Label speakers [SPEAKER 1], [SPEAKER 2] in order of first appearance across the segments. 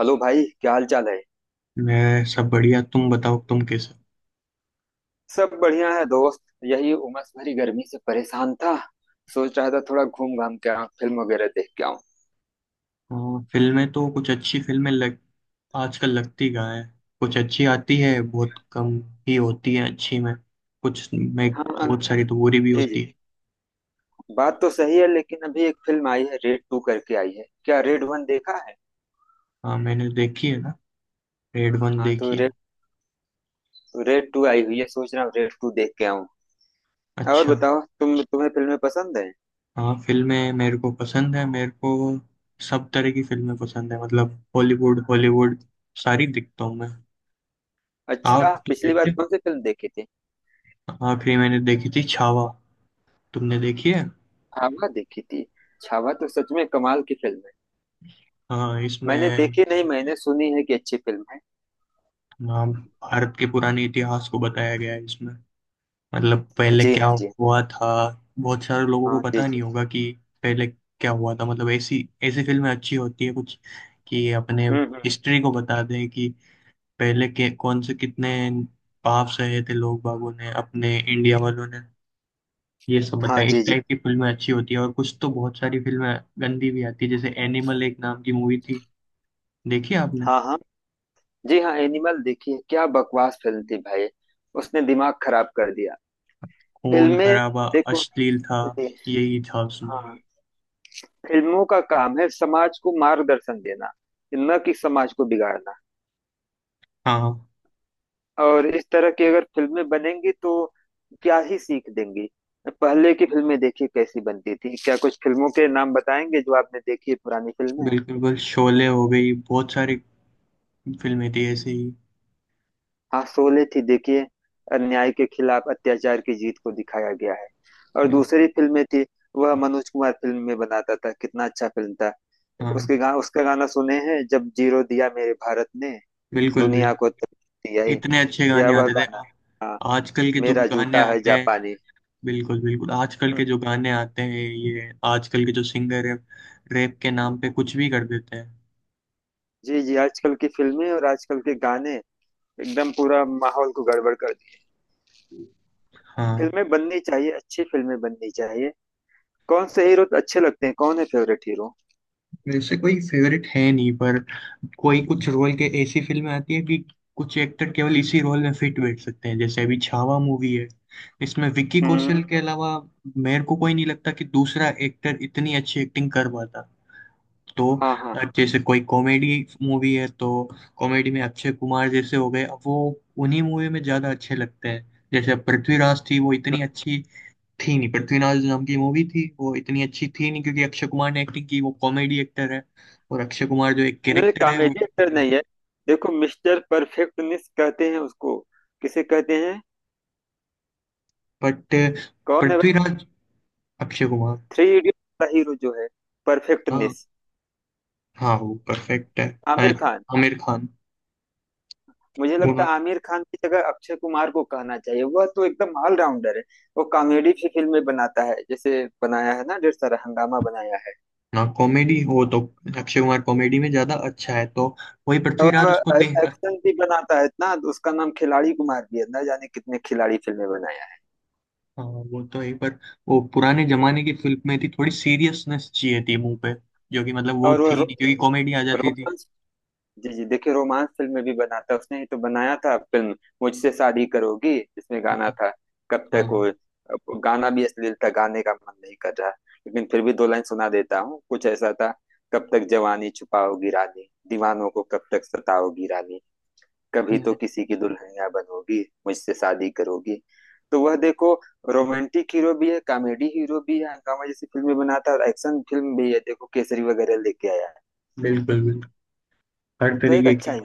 [SPEAKER 1] Hello भाई, क्या हाल चाल है।
[SPEAKER 2] मैं सब बढ़िया। तुम बताओ, तुम कैसे
[SPEAKER 1] सब बढ़िया है दोस्त, यही उमस भरी गर्मी से परेशान था। सोच रहा था थोड़ा घूम घाम के आऊं, फिल्म वगैरह देख के आऊं।
[SPEAKER 2] हो? फिल्में तो कुछ अच्छी फिल्में लग आजकल लगती कहाँ है। कुछ अच्छी आती है, बहुत कम ही होती है। अच्छी में कुछ में
[SPEAKER 1] हाँ
[SPEAKER 2] बहुत सारी तो बुरी भी
[SPEAKER 1] जी जी।
[SPEAKER 2] होती है।
[SPEAKER 1] बात तो सही है, लेकिन अभी एक फिल्म आई है, रेड टू करके आई है। क्या रेड वन देखा है।
[SPEAKER 2] हाँ, मैंने देखी है ना, रेड वन
[SPEAKER 1] हाँ तो
[SPEAKER 2] देखी है।
[SPEAKER 1] रेड रेड टू आई हुई है, सोच रहा हूँ रेड टू देख के आऊं। और
[SPEAKER 2] अच्छा।
[SPEAKER 1] बताओ, तुम्हें फिल्में पसंद है।
[SPEAKER 2] हाँ, फिल्में मेरे को पसंद है, मेरे को सब तरह की फिल्में पसंद है, मतलब बॉलीवुड हॉलीवुड सारी देखता हूँ मैं।
[SPEAKER 1] अच्छा,
[SPEAKER 2] आप तुम
[SPEAKER 1] पिछली बार
[SPEAKER 2] देखते हो?
[SPEAKER 1] कौन सी फिल्म देखी थी।
[SPEAKER 2] हाँ, फिर मैंने देखी थी छावा, तुमने देखी है?
[SPEAKER 1] छावा देखी थी। छावा तो सच में कमाल की फिल्म है।
[SPEAKER 2] हाँ,
[SPEAKER 1] मैंने
[SPEAKER 2] इसमें।
[SPEAKER 1] देखी नहीं, मैंने सुनी है कि अच्छी फिल्म है।
[SPEAKER 2] हाँ, भारत के पुराने इतिहास को बताया गया है इसमें, मतलब पहले
[SPEAKER 1] जी
[SPEAKER 2] क्या
[SPEAKER 1] हाँ जी।
[SPEAKER 2] हुआ था। बहुत सारे लोगों को
[SPEAKER 1] हाँ जी
[SPEAKER 2] पता
[SPEAKER 1] जी।
[SPEAKER 2] नहीं होगा कि पहले क्या हुआ था, मतलब ऐसी ऐसी फिल्में अच्छी होती है कुछ, कि अपने
[SPEAKER 1] हम्म।
[SPEAKER 2] हिस्ट्री को बता दें कि पहले के कौन से कितने पाप सहे थे लोग बागों ने, अपने इंडिया वालों ने। ये सब
[SPEAKER 1] हाँ
[SPEAKER 2] बताया।
[SPEAKER 1] जी
[SPEAKER 2] इस
[SPEAKER 1] जी।
[SPEAKER 2] टाइप की फिल्में अच्छी होती है, और कुछ तो बहुत सारी फिल्में गंदी भी आती है, जैसे एनिमल एक नाम की मूवी थी। देखी आपने?
[SPEAKER 1] हाँ हाँ। जी हाँ, एनिमल देखिए क्या बकवास फिल्म थी भाई। उसने दिमाग खराब कर दिया।
[SPEAKER 2] खून
[SPEAKER 1] फिल्में
[SPEAKER 2] खराबा,
[SPEAKER 1] देखो।
[SPEAKER 2] अश्लील था,
[SPEAKER 1] जी।
[SPEAKER 2] यही था उसमें।
[SPEAKER 1] हाँ। फिल्मों का काम है समाज को मार्गदर्शन देना, न कि समाज को बिगाड़ना।
[SPEAKER 2] हाँ,
[SPEAKER 1] और इस तरह की अगर फिल्में बनेंगी तो क्या ही सीख देंगी। पहले की फिल्में देखिए कैसी बनती थी। क्या कुछ फिल्मों के नाम बताएंगे जो आपने देखी है, पुरानी फिल्में।
[SPEAKER 2] बिल्कुल बिल्कुल, शोले हो गई, बहुत सारी फिल्में थी ऐसे ही।
[SPEAKER 1] हाँ, शोले थी देखिए। अन्याय के खिलाफ अत्याचार की जीत को दिखाया गया है। और
[SPEAKER 2] बिल-
[SPEAKER 1] दूसरी फिल्में थी, वह मनोज कुमार फिल्म में बनाता था, कितना अच्छा फिल्म था।
[SPEAKER 2] हाँ,
[SPEAKER 1] उसका गाना सुने हैं, जब जीरो दिया मेरे भारत ने
[SPEAKER 2] बिल्कुल
[SPEAKER 1] दुनिया को
[SPEAKER 2] बिल्कुल।
[SPEAKER 1] तकलीफ दिया है।
[SPEAKER 2] इतने अच्छे
[SPEAKER 1] या
[SPEAKER 2] गाने
[SPEAKER 1] वह
[SPEAKER 2] आते थे,
[SPEAKER 1] गाना। हाँ।
[SPEAKER 2] आजकल के जो
[SPEAKER 1] मेरा
[SPEAKER 2] गाने
[SPEAKER 1] जूता है
[SPEAKER 2] आते हैं,
[SPEAKER 1] जापानी।
[SPEAKER 2] बिल्कुल बिल्कुल। आजकल
[SPEAKER 1] हम्म,
[SPEAKER 2] के जो गाने आते हैं, ये आजकल के जो सिंगर है, रैप के नाम पे कुछ भी कर देते हैं।
[SPEAKER 1] जी जी। आजकल की फिल्में और आजकल के गाने एकदम पूरा माहौल को गड़बड़ कर दिए।
[SPEAKER 2] हाँ,
[SPEAKER 1] फिल्में बननी चाहिए, अच्छी फिल्में बननी चाहिए। कौन से हीरो अच्छे लगते हैं, कौन है फेवरेट हीरो।
[SPEAKER 2] वैसे कोई फेवरेट है नहीं, पर कोई कुछ रोल के ऐसी फिल्में आती है कि कुछ एक्टर केवल इसी रोल में फिट बैठ सकते हैं। जैसे अभी छावा मूवी है, इसमें विक्की
[SPEAKER 1] हम्म।
[SPEAKER 2] कौशल के अलावा मेरे को कोई नहीं लगता कि दूसरा एक्टर इतनी अच्छी एक्टिंग कर पाता तो।
[SPEAKER 1] हाँ हाँ।
[SPEAKER 2] अब जैसे कोई कॉमेडी मूवी है, तो कॉमेडी में अक्षय कुमार जैसे हो गए, अब वो उन्हीं मूवी में ज्यादा अच्छे लगते हैं। जैसे अब पृथ्वीराज थी, वो इतनी अच्छी थी नहीं, पृथ्वीनाज नाम की मूवी थी, वो इतनी अच्छी थी नहीं क्योंकि अक्षय कुमार ने एक्टिंग की, वो कॉमेडी एक्टर है। और अक्षय कुमार जो एक
[SPEAKER 1] नहीं,
[SPEAKER 2] कैरेक्टर है वो,
[SPEAKER 1] कामेडी एक्टर नहीं है। देखो, मिस्टर परफेक्टनिस्ट कहते हैं उसको। किसे कहते हैं,
[SPEAKER 2] बट
[SPEAKER 1] कौन है भाई।
[SPEAKER 2] पृथ्वीराज, अक्षय कुमार।
[SPEAKER 1] 3 इडियट का हीरो जो है,
[SPEAKER 2] हाँ
[SPEAKER 1] परफेक्टनिस्ट।
[SPEAKER 2] हाँ, वो परफेक्ट है। अ-
[SPEAKER 1] आमिर खान।
[SPEAKER 2] आमिर खान।
[SPEAKER 1] मुझे लगता
[SPEAKER 2] दोनों,
[SPEAKER 1] है आमिर खान की जगह अक्षय कुमार को कहना चाहिए, वह तो एकदम ऑलराउंडर है। वो कॉमेडी भी फिल्में बनाता है, जैसे बनाया है ना, ढेर सारा हंगामा बनाया है।
[SPEAKER 2] ना कॉमेडी हो तो अक्षय कुमार कॉमेडी में ज्यादा अच्छा है, तो वही
[SPEAKER 1] और
[SPEAKER 2] पृथ्वीराज उसको
[SPEAKER 1] वह
[SPEAKER 2] दे।
[SPEAKER 1] एक्शन भी बनाता है, इतना उसका नाम खिलाड़ी कुमार भी है, ना जाने कितने खिलाड़ी फिल्में बनाया है।
[SPEAKER 2] हाँ, वो तो है, पर वो पुराने जमाने की फिल्म में थी, थोड़ी सीरियसनेस चाहिए थी मुंह पे, जो कि मतलब वो
[SPEAKER 1] और वो
[SPEAKER 2] थी
[SPEAKER 1] रो,
[SPEAKER 2] नहीं क्योंकि कॉमेडी आ जाती थी।
[SPEAKER 1] रोमांस। जी जी, देखिए रोमांस फिल्म भी बनाता है, उसने ही तो बनाया था फिल्म मुझसे शादी करोगी, जिसमें गाना था, कब तक वो,
[SPEAKER 2] हाँ,
[SPEAKER 1] अब गाना भी अश्लील था, गाने का मन नहीं कर रहा। लेकिन फिर भी 2 लाइन सुना देता हूँ, कुछ ऐसा था, कब तक जवानी छुपाओगी रानी, दीवानों को कब तक सताओगी रानी, कभी तो किसी की दुल्हनिया बनोगी, मुझसे शादी करोगी। तो वह देखो, रोमांटिक हीरो भी है, कॉमेडी हीरो भी है, हंगामा जैसी फिल्में बनाता है, और एक्शन फिल्म भी है, देखो केसरी वगैरह लेके आया है।
[SPEAKER 2] बिल्कुल बिल्कुल, हर
[SPEAKER 1] तो एक
[SPEAKER 2] तरीके
[SPEAKER 1] अच्छा
[SPEAKER 2] की।
[SPEAKER 1] ही।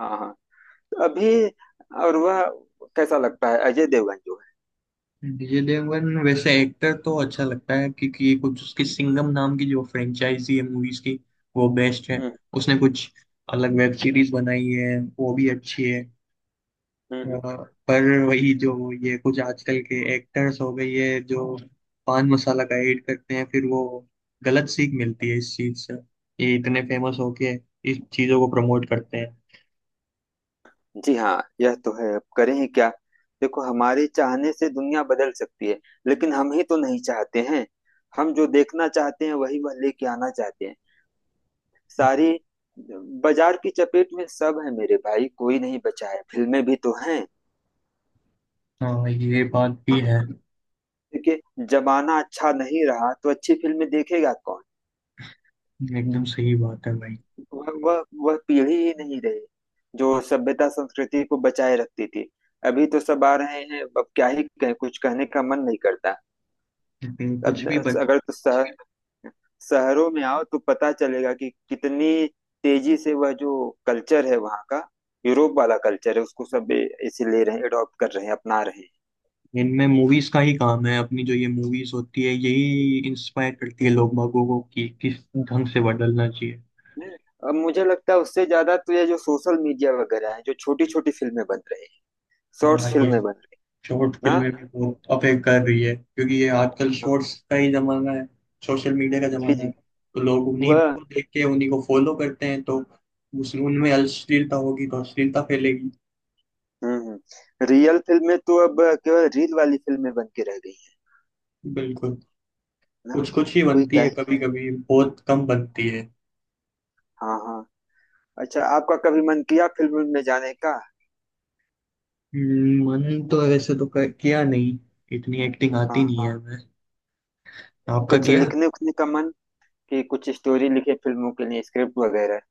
[SPEAKER 1] हाँ हाँ। तो अभी। और वह कैसा लगता है अजय देवगन जो है।
[SPEAKER 2] विजय देवगन वैसे एक्टर तो अच्छा लगता है, क्योंकि ये कुछ उसकी सिंघम नाम की जो फ्रेंचाइजी है मूवीज की, वो बेस्ट है।
[SPEAKER 1] हम्म
[SPEAKER 2] उसने कुछ अलग वेब सीरीज बनाई है, वो भी अच्छी है।
[SPEAKER 1] हम्म
[SPEAKER 2] अ,
[SPEAKER 1] हम्म।
[SPEAKER 2] पर वही जो, ये कुछ आजकल के एक्टर्स हो गए, ये जो पान मसाला का एड करते हैं, फिर वो गलत सीख मिलती है इस चीज से, ये इतने फेमस होके इस चीजों को प्रमोट करते हैं।
[SPEAKER 1] जी हाँ, यह तो है, अब करें ही क्या। देखो, हमारे चाहने से दुनिया बदल सकती है, लेकिन हम ही तो नहीं चाहते हैं। हम जो देखना चाहते हैं वही वह लेके आना चाहते हैं। सारी बाजार की चपेट में सब है मेरे भाई, कोई नहीं बचा है, फिल्में भी तो हैं।
[SPEAKER 2] हाँ, ये बात भी है,
[SPEAKER 1] देखिए, जमाना अच्छा नहीं रहा तो अच्छी फिल्में देखेगा कौन।
[SPEAKER 2] एकदम सही बात है भाई।
[SPEAKER 1] वह पीढ़ी ही नहीं रही जो सभ्यता संस्कृति को बचाए रखती थी। अभी तो सब आ रहे हैं, अब क्या ही कहें, कुछ कहने का मन नहीं करता।
[SPEAKER 2] लेकिन कुछ
[SPEAKER 1] अब
[SPEAKER 2] भी बन
[SPEAKER 1] अगर तो शहरों में आओ तो पता चलेगा कि कितनी तेजी से वह जो कल्चर है वहाँ का, यूरोप वाला कल्चर है, उसको सब इसे ले रहे हैं, अडॉप्ट कर रहे हैं, अपना रहे
[SPEAKER 2] इनमें मूवीज का ही काम है, अपनी जो ये मूवीज होती है यही इंस्पायर करती है लोग बागों को कि किस ढंग से बदलना चाहिए।
[SPEAKER 1] हैं। अब मुझे लगता है उससे ज्यादा तो ये जो सोशल मीडिया वगैरह है, जो छोटी छोटी फिल्में बन रही हैं,
[SPEAKER 2] हाँ,
[SPEAKER 1] शॉर्ट्स
[SPEAKER 2] ये
[SPEAKER 1] फिल्में बन रही
[SPEAKER 2] शॉर्ट
[SPEAKER 1] हैं ना।
[SPEAKER 2] फिल्में भी बहुत अफेक्ट कर रही है, क्योंकि ये आजकल
[SPEAKER 1] हाँ।
[SPEAKER 2] शॉर्ट्स का ही जमाना है, सोशल मीडिया का
[SPEAKER 1] जी
[SPEAKER 2] जमाना है,
[SPEAKER 1] जी।
[SPEAKER 2] तो लोग उन्हीं
[SPEAKER 1] वह।
[SPEAKER 2] को देख के उन्हीं को फॉलो करते हैं, तो उस उनमें अश्लीलता होगी तो अश्लीलता फैलेगी।
[SPEAKER 1] रियल फिल्में तो अब केवल रील वाली फिल्में बन के रह गई है
[SPEAKER 2] बिल्कुल,
[SPEAKER 1] ना।
[SPEAKER 2] कुछ कुछ ही
[SPEAKER 1] कोई
[SPEAKER 2] बनती है,
[SPEAKER 1] कहे।
[SPEAKER 2] कभी कभी, बहुत कम बनती है।
[SPEAKER 1] हाँ हाँ। अच्छा, आपका कभी मन किया फिल्म में जाने का।
[SPEAKER 2] मन तो वैसे तो किया नहीं, इतनी एक्टिंग आती
[SPEAKER 1] हाँ,
[SPEAKER 2] नहीं है हमें। आपका
[SPEAKER 1] कुछ
[SPEAKER 2] किया?
[SPEAKER 1] लिखने उखने का मन कि कुछ स्टोरी लिखे फिल्मों के लिए, स्क्रिप्ट वगैरह।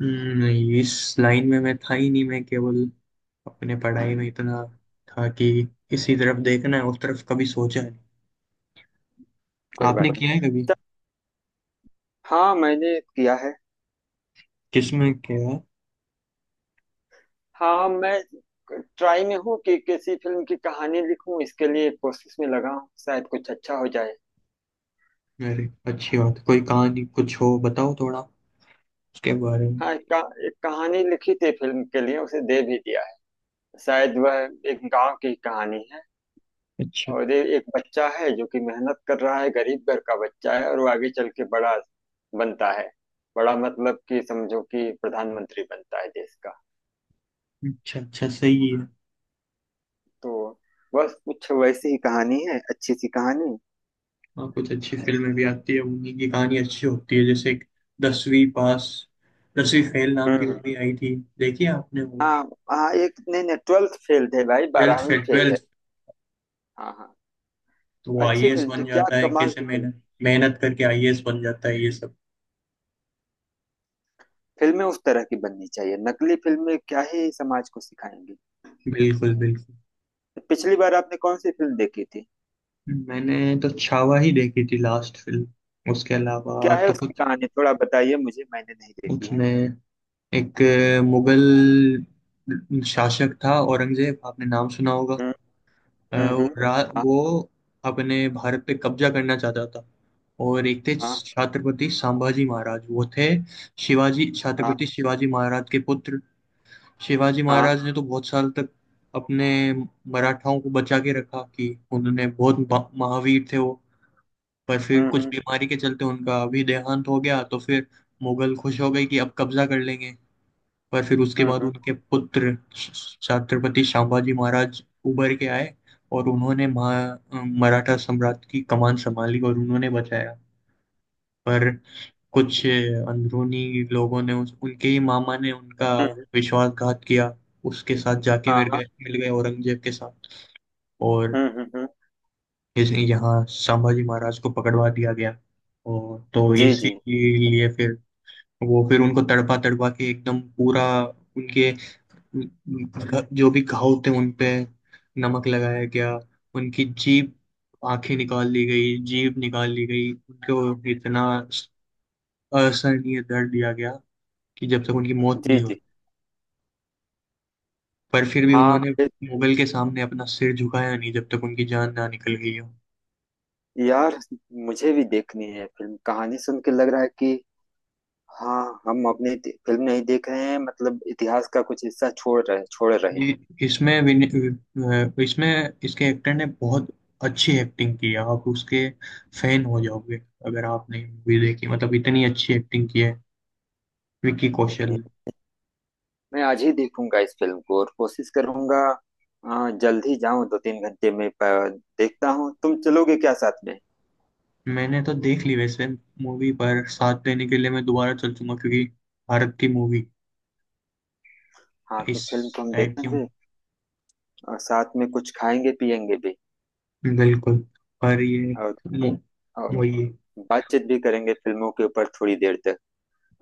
[SPEAKER 2] नहीं, इस लाइन में मैं था ही नहीं, मैं केवल अपने पढ़ाई में इतना था कि इसी तरफ देखना है, उस तरफ कभी सोचा है।
[SPEAKER 1] कोई
[SPEAKER 2] आपने
[SPEAKER 1] बात
[SPEAKER 2] किया है
[SPEAKER 1] नहीं।
[SPEAKER 2] कभी?
[SPEAKER 1] हाँ, मैंने किया है।
[SPEAKER 2] किसमें किया है?
[SPEAKER 1] हाँ हाँ, मैं ट्राई में हूँ कि किसी फिल्म की कहानी लिखूं, इसके लिए कोशिश में लगा हूँ, शायद कुछ अच्छा हो जाए।
[SPEAKER 2] अरे, अच्छी बात है। कोई कहानी कुछ हो बताओ थोड़ा उसके बारे में।
[SPEAKER 1] हाँ, एक कहानी लिखी थी फिल्म के लिए, उसे दे भी दिया है। शायद वह एक गांव की कहानी है।
[SPEAKER 2] अच्छा
[SPEAKER 1] और ये एक बच्चा है जो कि मेहनत कर रहा है, गरीब घर का बच्चा है, और वो आगे चल के बड़ा बनता है। बड़ा मतलब कि समझो कि प्रधानमंत्री बनता है देश का।
[SPEAKER 2] अच्छा अच्छा, सही है।
[SPEAKER 1] तो बस कुछ वैसी ही कहानी है, अच्छी सी कहानी।
[SPEAKER 2] हाँ, कुछ अच्छी फिल्में भी आती है, उन्हीं की कहानी अच्छी होती है। जैसे एक दसवीं पास, दसवीं फेल नाम
[SPEAKER 1] हम्म
[SPEAKER 2] की
[SPEAKER 1] हम्म।
[SPEAKER 2] मूवी आई थी, देखिए आपने वो
[SPEAKER 1] हाँ। हाँ एक, नहीं नहीं, ट्वेल्थ फेल थे भाई,
[SPEAKER 2] ट्वेल्थ
[SPEAKER 1] 12वीं फेल
[SPEAKER 2] फेल।
[SPEAKER 1] है। हाँ हाँ।
[SPEAKER 2] तो वो
[SPEAKER 1] अच्छी
[SPEAKER 2] आईएएस
[SPEAKER 1] फिल्म थी,
[SPEAKER 2] बन
[SPEAKER 1] क्या
[SPEAKER 2] जाता है,
[SPEAKER 1] कमाल
[SPEAKER 2] कैसे
[SPEAKER 1] की फिल्म।
[SPEAKER 2] मेहनत मेहनत करके आईएएस बन जाता है ये सब।
[SPEAKER 1] फिल्में उस तरह की बननी चाहिए, नकली फिल्में क्या ही समाज को सिखाएंगी।
[SPEAKER 2] बिल्कुल बिल्कुल।
[SPEAKER 1] पिछली बार आपने कौन सी फिल्म देखी थी।
[SPEAKER 2] मैंने तो छावा ही देखी थी लास्ट फिल्म, उसके
[SPEAKER 1] क्या
[SPEAKER 2] अलावा
[SPEAKER 1] है
[SPEAKER 2] तो
[SPEAKER 1] उसकी
[SPEAKER 2] कुछ।
[SPEAKER 1] कहानी, थोड़ा बताइए मुझे, मैंने नहीं देखी है।
[SPEAKER 2] उसमें एक मुगल शासक था औरंगजेब, आपने नाम सुना होगा।
[SPEAKER 1] हम्म। हाँ।
[SPEAKER 2] वो अपने भारत पे कब्जा करना चाहता था। और एक थे
[SPEAKER 1] हाँ
[SPEAKER 2] छत्रपति संभाजी महाराज, वो थे शिवाजी
[SPEAKER 1] हाँ।
[SPEAKER 2] छत्रपति शिवाजी महाराज के पुत्र। शिवाजी
[SPEAKER 1] हाँ।
[SPEAKER 2] महाराज ने तो बहुत साल तक अपने मराठाओं को बचा के रखा, कि उन्होंने बहुत महावीर थे वो। पर फिर कुछ
[SPEAKER 1] हम्म।
[SPEAKER 2] बीमारी के चलते उनका अभी देहांत हो गया, तो फिर मुगल खुश हो गए कि अब कब्जा कर लेंगे। पर फिर उसके बाद
[SPEAKER 1] हम्म।
[SPEAKER 2] उनके पुत्र छत्रपति संभाजी महाराज उभर के आए, और उन्होंने महा मराठा सम्राट की कमान संभाली और उन्होंने बचाया। पर कुछ अंदरूनी लोगों ने, उनके ही मामा ने उनका
[SPEAKER 1] हम्म,
[SPEAKER 2] विश्वासघात किया, उसके साथ जाके
[SPEAKER 1] हाँ
[SPEAKER 2] मिल
[SPEAKER 1] हाँ।
[SPEAKER 2] गए मिल गए औरंगजेब के साथ। और
[SPEAKER 1] हम्म हम्म हम्म,
[SPEAKER 2] इस यहाँ संभाजी महाराज को पकड़वा दिया गया, और तो
[SPEAKER 1] जी
[SPEAKER 2] इसी
[SPEAKER 1] जी।
[SPEAKER 2] लिए फिर वो फिर उनको तड़पा तड़पा के एकदम पूरा, उनके जो भी घाव थे उन पे नमक लगाया गया। उनकी जीभ, आंखें निकाल ली गई, जीभ निकाल ली गई, उनको इतना असहनीय दर्द दिया गया, कि जब तक उनकी मौत
[SPEAKER 1] जी
[SPEAKER 2] नहीं हुई,
[SPEAKER 1] जी।
[SPEAKER 2] पर फिर भी
[SPEAKER 1] हाँ
[SPEAKER 2] उन्होंने
[SPEAKER 1] फिर।
[SPEAKER 2] मुगल के सामने अपना सिर झुकाया नहीं, जब तक उनकी जान ना निकल गई हो।
[SPEAKER 1] यार, मुझे भी देखनी है फिल्म, कहानी सुन के लग रहा है कि हाँ, हम अपनी फिल्म नहीं देख रहे हैं, मतलब इतिहास का कुछ हिस्सा छोड़ रहे
[SPEAKER 2] ये- इसमें विन- अ, इसमें इसके एक्टर ने बहुत अच्छी एक्टिंग की है, आप उसके फैन हो जाओगे अगर आपने मूवी देखी, मतलब इतनी अच्छी एक्टिंग की है विकी कौशल
[SPEAKER 1] हैं।
[SPEAKER 2] ने।
[SPEAKER 1] मैं आज ही देखूंगा इस फिल्म को और कोशिश करूंगा। जल्द ही जाऊं, 2 3 घंटे में देखता हूँ, तुम चलोगे क्या साथ में।
[SPEAKER 2] मैंने तो देख ली वैसे मूवी, पर साथ देने के लिए मैं दोबारा चल चूंगा क्योंकि भारत की मूवी
[SPEAKER 1] हाँ तो
[SPEAKER 2] इस
[SPEAKER 1] फिल्म को हम
[SPEAKER 2] टाइप की हूँ।
[SPEAKER 1] देखेंगे, और साथ में कुछ खाएंगे पिएंगे भी,
[SPEAKER 2] बिल्कुल, पर ये
[SPEAKER 1] और
[SPEAKER 2] मु-
[SPEAKER 1] और
[SPEAKER 2] वही है,
[SPEAKER 1] बातचीत भी करेंगे फिल्मों के ऊपर थोड़ी देर तक,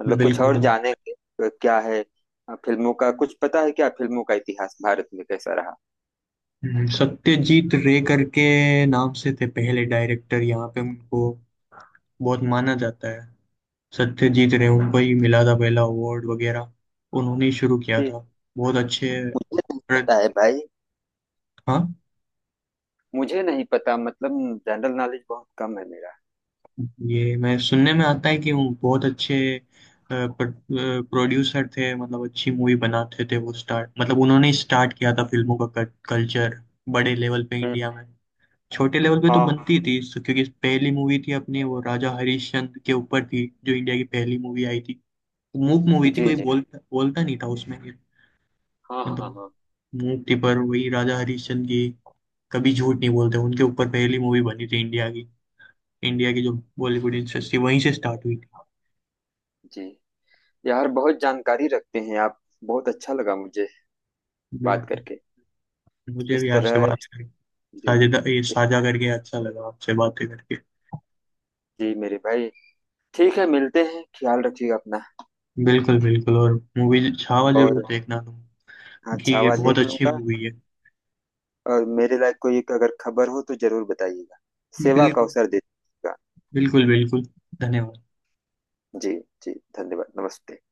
[SPEAKER 1] मतलब कुछ
[SPEAKER 2] बिल्कुल
[SPEAKER 1] और
[SPEAKER 2] बिल्कुल।
[SPEAKER 1] जानेंगे तो क्या है। फिल्मों का कुछ पता है क्या, फिल्मों का इतिहास भारत में कैसा रहा।
[SPEAKER 2] सत्यजीत रे करके नाम से थे पहले डायरेक्टर यहाँ पे, उनको बहुत माना जाता है। सत्यजीत रे, उनको ही मिला था पहला अवार्ड वगैरह, उन्होंने ही शुरू किया
[SPEAKER 1] जी,
[SPEAKER 2] था। बहुत अच्छे
[SPEAKER 1] मुझे नहीं
[SPEAKER 2] प्र-
[SPEAKER 1] पता है भाई।
[SPEAKER 2] हाँ,
[SPEAKER 1] मुझे नहीं पता, मतलब जनरल नॉलेज बहुत कम है मेरा।
[SPEAKER 2] ये मैं सुनने में आता है कि वो बहुत अच्छे प्रोड्यूसर थे, मतलब अच्छी मूवी बनाते थे, वो स्टार्ट मतलब उन्होंने ही स्टार्ट किया था फिल्मों का कल्चर बड़े लेवल पे
[SPEAKER 1] हम्म।
[SPEAKER 2] इंडिया में। छोटे लेवल पे तो
[SPEAKER 1] हाँ।
[SPEAKER 2] बनती थी, क्योंकि पहली मूवी थी अपनी, वो राजा हरिश्चंद्र के ऊपर थी जो इंडिया की पहली मूवी आई थी। मूक मूवी थी,
[SPEAKER 1] जी
[SPEAKER 2] कोई
[SPEAKER 1] जी।
[SPEAKER 2] बोलता बोलता नहीं था उसमें।
[SPEAKER 1] हाँ हाँ
[SPEAKER 2] मतलब
[SPEAKER 1] हाँ।
[SPEAKER 2] मूक थी पर वही राजा हरिश्चंद्र की, कभी झूठ नहीं बोलते, उनके ऊपर पहली मूवी बनी थी इंडिया की। इंडिया की जो बॉलीवुड इंडस्ट्री वहीं से स्टार्ट हुई थी।
[SPEAKER 1] जी, यार, बहुत जानकारी रखते हैं आप, बहुत अच्छा लगा मुझे बात
[SPEAKER 2] बिल्कुल।
[SPEAKER 1] करके,
[SPEAKER 2] मुझे
[SPEAKER 1] इस
[SPEAKER 2] भी आपसे
[SPEAKER 1] तरह।
[SPEAKER 2] बात करके,
[SPEAKER 1] जी जी।
[SPEAKER 2] साझेदा ये
[SPEAKER 1] इस।
[SPEAKER 2] साझा करके अच्छा लगा, आपसे बातें करके।
[SPEAKER 1] जी मेरे भाई, ठीक है, मिलते हैं, ख्याल रखिएगा अपना।
[SPEAKER 2] बिल्कुल बिल्कुल, और मूवी छावा जरूर
[SPEAKER 1] और,
[SPEAKER 2] देखना तुम,
[SPEAKER 1] हाँ,
[SPEAKER 2] कि ये
[SPEAKER 1] छावा
[SPEAKER 2] बहुत
[SPEAKER 1] देख
[SPEAKER 2] अच्छी
[SPEAKER 1] लूंगा।
[SPEAKER 2] मूवी है।
[SPEAKER 1] और मेरे लायक कोई एक अगर खबर हो तो जरूर बताइएगा, सेवा का
[SPEAKER 2] बिल्कुल
[SPEAKER 1] अवसर दीजिएगा।
[SPEAKER 2] बिल्कुल बिल्कुल। धन्यवाद।
[SPEAKER 1] जी। जी। धन्यवाद, नमस्ते।